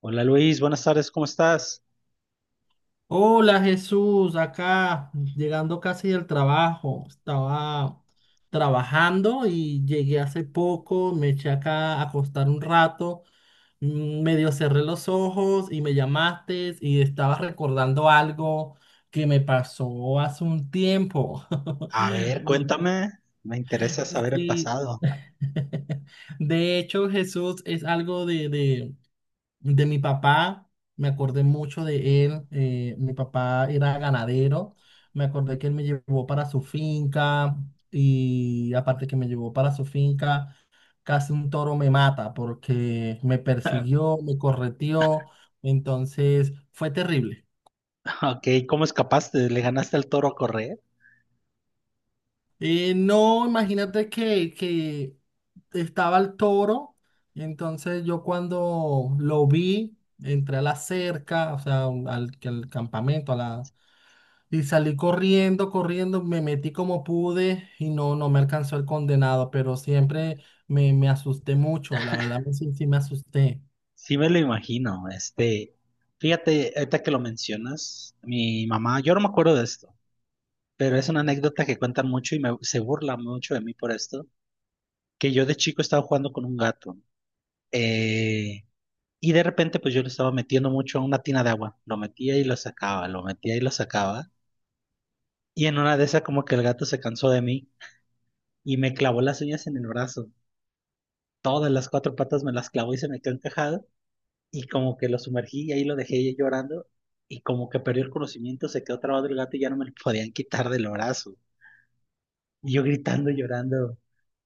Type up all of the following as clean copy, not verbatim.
Hola Luis, buenas tardes, ¿cómo estás? Hola Jesús, acá llegando casi del trabajo. Estaba trabajando y llegué hace poco, me eché acá a acostar un rato, medio cerré los ojos y me llamaste y estaba recordando algo que me pasó hace un tiempo. A ver, De, cuéntame, me interesa saber el sí. pasado. De hecho, Jesús, es algo de mi papá, me acordé mucho de él. Mi papá era ganadero. Me acordé que él me llevó para su finca y aparte que me llevó para su finca, casi un toro me mata porque me persiguió, me correteó. Entonces fue terrible. Ok, ¿cómo escapaste? ¿Le ganaste al toro a correr? No, imagínate que estaba el toro, y entonces yo cuando lo vi, entré a la cerca, o sea, al campamento, y salí corriendo, corriendo, me metí como pude y no, no me alcanzó el condenado, pero siempre me asusté mucho, la verdad, sí, sí me asusté. Sí me lo imagino, fíjate, ahorita que lo mencionas, mi mamá, yo no me acuerdo de esto, pero es una anécdota que cuentan mucho y se burla mucho de mí por esto, que yo de chico estaba jugando con un gato, eh, y de repente pues yo lo estaba metiendo mucho a una tina de agua, lo metía y lo sacaba, lo metía y lo sacaba, y en una de esas como que el gato se cansó de mí y me clavó las uñas en el brazo. Todas las cuatro patas me las clavó y se me quedó encajado y como que lo sumergí y ahí lo dejé llorando y como que perdió el conocimiento, se quedó trabado el gato y ya no me lo podían quitar del brazo. Y yo gritando y llorando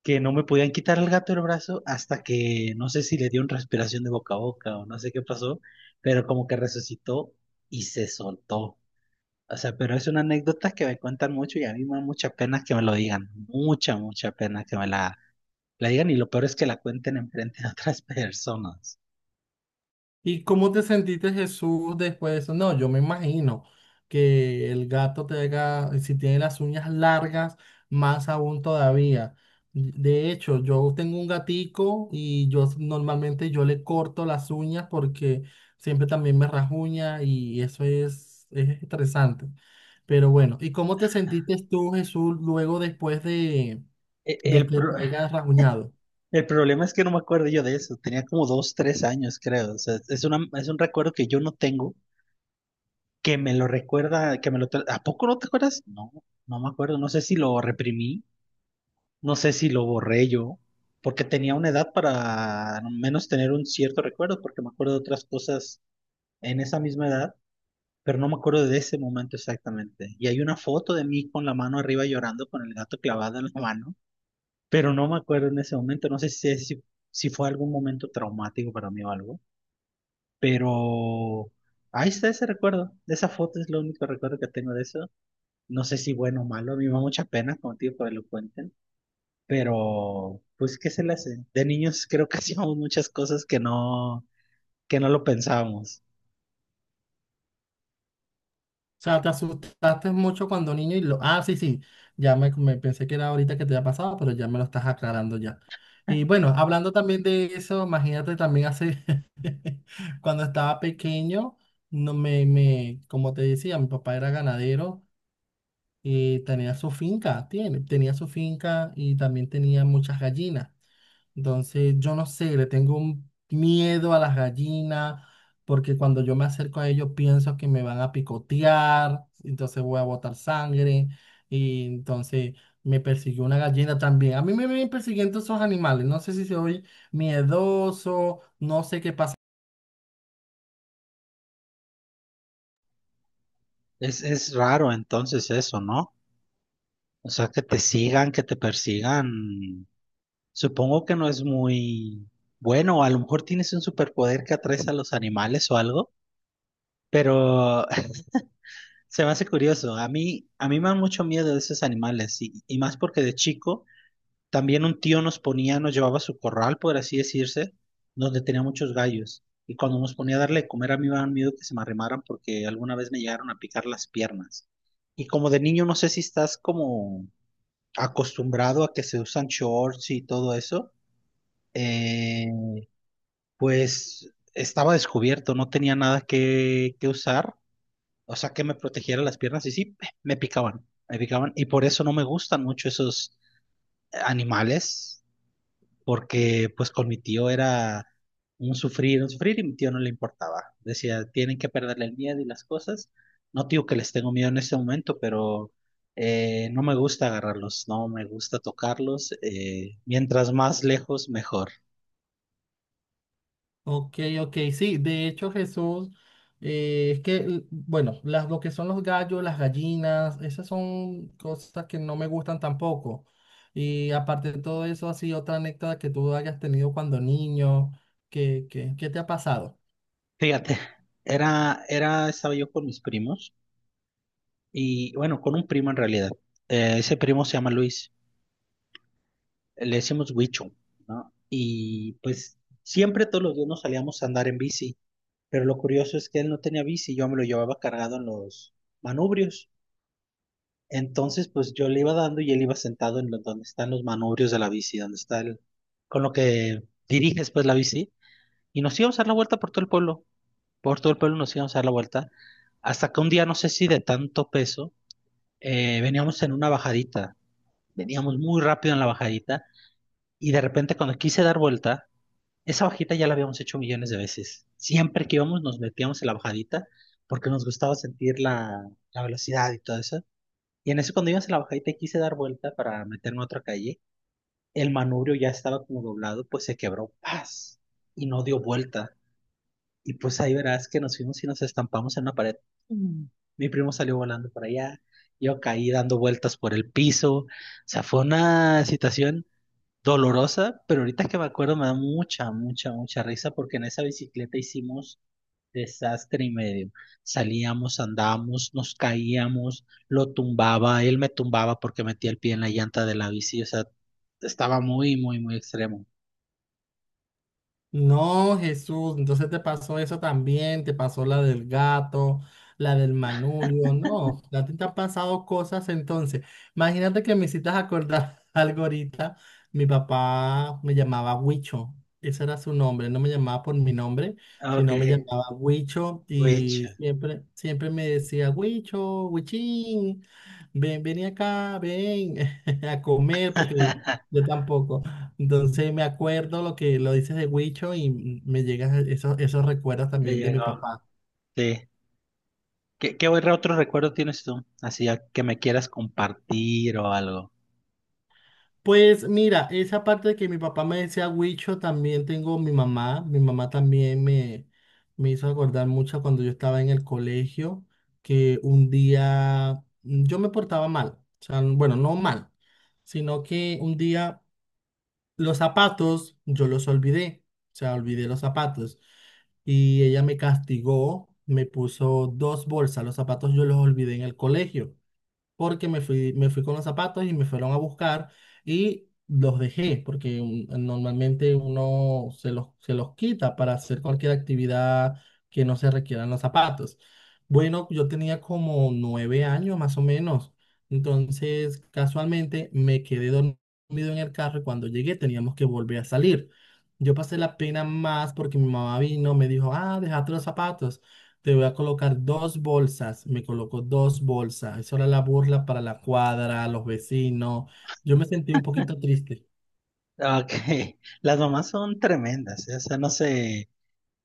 que no me podían quitar el gato del brazo hasta que no sé si le dio una respiración de boca a boca o no sé qué pasó, pero como que resucitó y se soltó. O sea, pero es una anécdota que me cuentan mucho y a mí me da mucha pena que me lo digan, mucha, mucha pena que me la digan y lo peor es que la cuenten enfrente de otras personas. ¿Y cómo te sentiste, Jesús, después de eso? No, yo me imagino que el gato te haga, si tiene las uñas largas, más aún todavía. De hecho, yo tengo un gatico y normalmente yo le corto las uñas porque siempre también me rasguña y eso es estresante. Pero bueno, ¿y cómo te sentiste tú, Jesús, luego después E- de El, que pro- te hayas rasguñado? el problema es que no me acuerdo yo de eso, tenía como dos, tres años creo, o sea, es una, es un recuerdo que yo no tengo, que me lo recuerda, que me ¿A poco no te acuerdas? No, no me acuerdo, no sé si lo reprimí, no sé si lo borré yo, porque tenía una edad para al menos tener un cierto recuerdo, porque me acuerdo de otras cosas en esa misma edad, pero no me acuerdo de ese momento exactamente. Y hay una foto de mí con la mano arriba llorando, con el gato clavado en la mano. Pero no me acuerdo en ese momento, no sé si fue algún momento traumático para mí o algo, pero ahí está ese recuerdo, de esa foto es lo único recuerdo que tengo de eso. No sé si bueno o malo, a mí me da mucha pena contigo que me lo cuenten, pero pues qué se le hace. De niños creo que hacíamos muchas cosas que no lo pensábamos. Sea, te asustaste mucho cuando niño y lo... Ah, sí, sí, me pensé que era ahorita que te había pasado, pero ya me lo estás aclarando ya. Y bueno, hablando también de eso, imagínate también hace, cuando estaba pequeño, no me, me, como te decía, mi papá era ganadero y tenía su finca, tiene, tenía su finca y también tenía muchas gallinas. Entonces, yo no sé, le tengo un miedo a las gallinas, porque cuando yo me acerco a ellos pienso que me van a picotear, entonces voy a botar sangre, y entonces me persiguió una gallina también. A mí me vienen persiguiendo esos animales, no sé si soy miedoso, no sé qué pasa. Es raro entonces eso, ¿no? O sea, que te sigan, que te persigan. Supongo que no es muy bueno, a lo mejor tienes un superpoder que atraes a los animales o algo, pero se me hace curioso. A mí me dan mucho miedo de esos animales y más porque de chico también un tío nos ponía, nos llevaba a su corral, por así decirse, donde tenía muchos gallos. Y cuando nos ponía a darle de comer, a mí me daban miedo que se me arrimaran porque alguna vez me llegaron a picar las piernas. Y como de niño no sé si estás como acostumbrado a que se usan shorts y todo eso. Eh, Pues estaba descubierto, no tenía nada que usar, o sea, que me protegiera las piernas y sí, me picaban y por eso no me gustan mucho esos animales, porque pues con mi tío era un sufrir y mi tío no le importaba. Decía, tienen que perderle el miedo y las cosas. No digo que les tengo miedo en este momento, pero no me gusta agarrarlos, no me gusta tocarlos. Mientras más lejos, mejor. Ok, ok, sí, de hecho Jesús, es que, bueno, lo que son los gallos, las gallinas, esas son cosas que no me gustan tampoco. Y aparte de todo eso, así otra anécdota que tú hayas tenido cuando niño, ¿ qué te ha pasado? Fíjate, estaba yo con mis primos y bueno, con un primo en realidad. Ese primo se llama Luis, le decimos Huicho, ¿no? Y pues siempre todos los días nos salíamos a andar en bici, pero lo curioso es que él no tenía bici, yo me lo llevaba cargado en los manubrios. Entonces, pues yo le iba dando y él iba sentado en donde están los manubrios de la bici, donde está el, con lo que diriges pues la bici, y nos íbamos a dar la vuelta por todo el pueblo. Por todo el pueblo nos íbamos a dar la vuelta, hasta que un día, no sé si de tanto peso, veníamos en una bajadita, veníamos muy rápido en la bajadita, y de repente cuando quise dar vuelta, esa bajita ya la habíamos hecho millones de veces. Siempre que íbamos nos metíamos en la bajadita porque nos gustaba sentir la, la velocidad y todo eso. Y en eso cuando íbamos en la bajadita y quise dar vuelta para meterme a otra calle, el manubrio ya estaba como doblado, pues se quebró, ¡paz! Y no dio vuelta. Y pues ahí verás que nos fuimos y nos estampamos en una pared. Mm. Mi primo salió volando para allá, yo caí dando vueltas por el piso. O sea, fue una situación dolorosa, pero ahorita que me acuerdo me da mucha, mucha, mucha risa porque en esa bicicleta hicimos desastre y medio. Salíamos, andábamos, nos caíamos, lo tumbaba, él me tumbaba porque metía el pie en la llanta de la bici, o sea, estaba muy, muy, muy extremo. No, Jesús, entonces te pasó eso también, te pasó la del gato, la del manubrio, no, ya te han pasado cosas entonces. Imagínate que me hiciste acordar algo ahorita, mi papá me llamaba Huicho, ese era su nombre, no me llamaba por mi nombre, Ok, sino me llamaba Huicho witch. y siempre, siempre me decía Huicho, Huichín, ven, ven acá, ven a comer porque yo tampoco. Entonces me acuerdo lo que lo dices de Huicho y me llegan esos, esos recuerdos Te también de mi llegó. papá. Sí. ¿Qué, qué otro recuerdo tienes tú? Así que me quieras compartir o algo. Pues mira, esa parte de que mi papá me decía Huicho, también tengo mi mamá. Mi mamá también me hizo acordar mucho cuando yo estaba en el colegio, que un día yo me portaba mal. O sea, bueno, no mal, sino que un día los zapatos, yo los olvidé, o sea, olvidé los zapatos. Y ella me castigó, me puso dos bolsas, los zapatos yo los olvidé en el colegio porque me fui con los zapatos y me fueron a buscar y los dejé, porque normalmente uno se los quita para hacer cualquier actividad que no se requieran los zapatos. Bueno, yo tenía como 9 años más o menos, entonces casualmente me quedé dormido en el carro y cuando llegué teníamos que volver a salir. Yo pasé la pena más porque mi mamá vino, me dijo, ah, dejaste los zapatos. Te voy a colocar dos bolsas. Me colocó dos bolsas. Eso era la burla para la cuadra, los vecinos. Yo me sentí un poquito triste. Ah, ok, las mamás son tremendas, ¿eh? O sea, no se,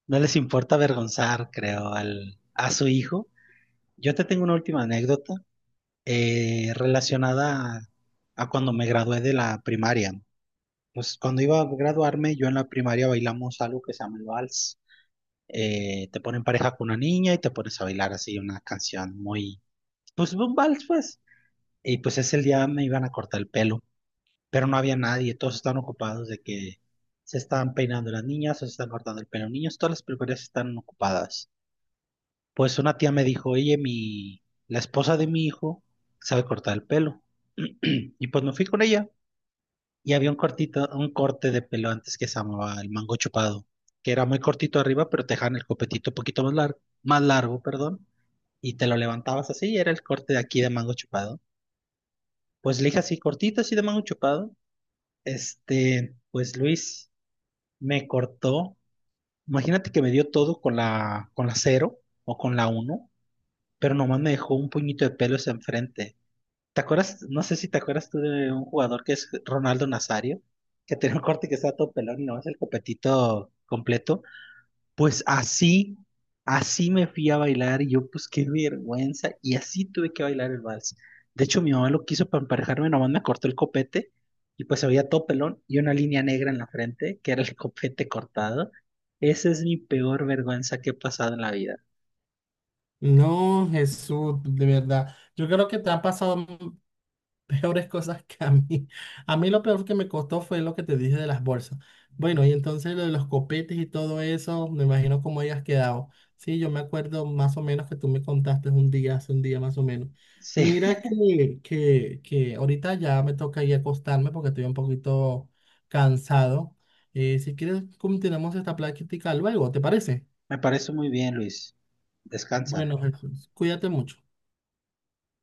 no les importa avergonzar, creo, al, a su hijo. Yo te tengo una última anécdota relacionada a cuando me gradué de la primaria. Pues cuando iba a graduarme, yo en la primaria bailamos algo que se llama el vals. Te ponen pareja con una niña y te pones a bailar así una canción muy, pues un vals, pues. Y pues ese día me iban a cortar el pelo. Pero no había nadie, todos estaban ocupados de que se estaban peinando las niñas o se están cortando el pelo los niños, todas las peluquerías están ocupadas. Pues una tía me dijo, oye, la esposa de mi hijo sabe cortar el pelo. Y pues me fui con ella y había un cortito, un corte de pelo antes que se llamaba el mango chupado, que era muy cortito arriba, pero te dejaban el copetito un poquito más largo, perdón, y te lo levantabas así y era el corte de aquí de mango chupado. Pues le dije así, cortito así de mango chupado. Pues Luis, me cortó. Imagínate que me dio todo con con la cero o con la uno, pero nomás me dejó un puñito de pelos enfrente. ¿Te acuerdas? No sé si te acuerdas tú de un jugador que es Ronaldo Nazario, que tenía un corte que estaba todo pelón y nomás el copetito completo. Pues así, así me fui a bailar y yo, pues qué vergüenza. Y así tuve que bailar el vals. De hecho, mi mamá lo quiso para emparejarme, nomás me cortó el copete y pues había todo pelón y una línea negra en la frente, que era el copete cortado. Esa es mi peor vergüenza que he pasado en la vida. No, Jesús, de verdad. Yo creo que te han pasado peores cosas que a mí. A mí lo peor que me costó fue lo que te dije de las bolsas. Bueno, y entonces lo de los copetes y todo eso, me imagino cómo hayas quedado. Sí, yo me acuerdo más o menos que tú me contaste un día, hace un día más o menos. Sí, Mira que ahorita ya me toca ir a acostarme porque estoy un poquito cansado. Si quieres, continuamos esta plática luego, ¿te parece? me parece muy bien, Luis. Descansa. Bueno, Jesús, cuídate mucho.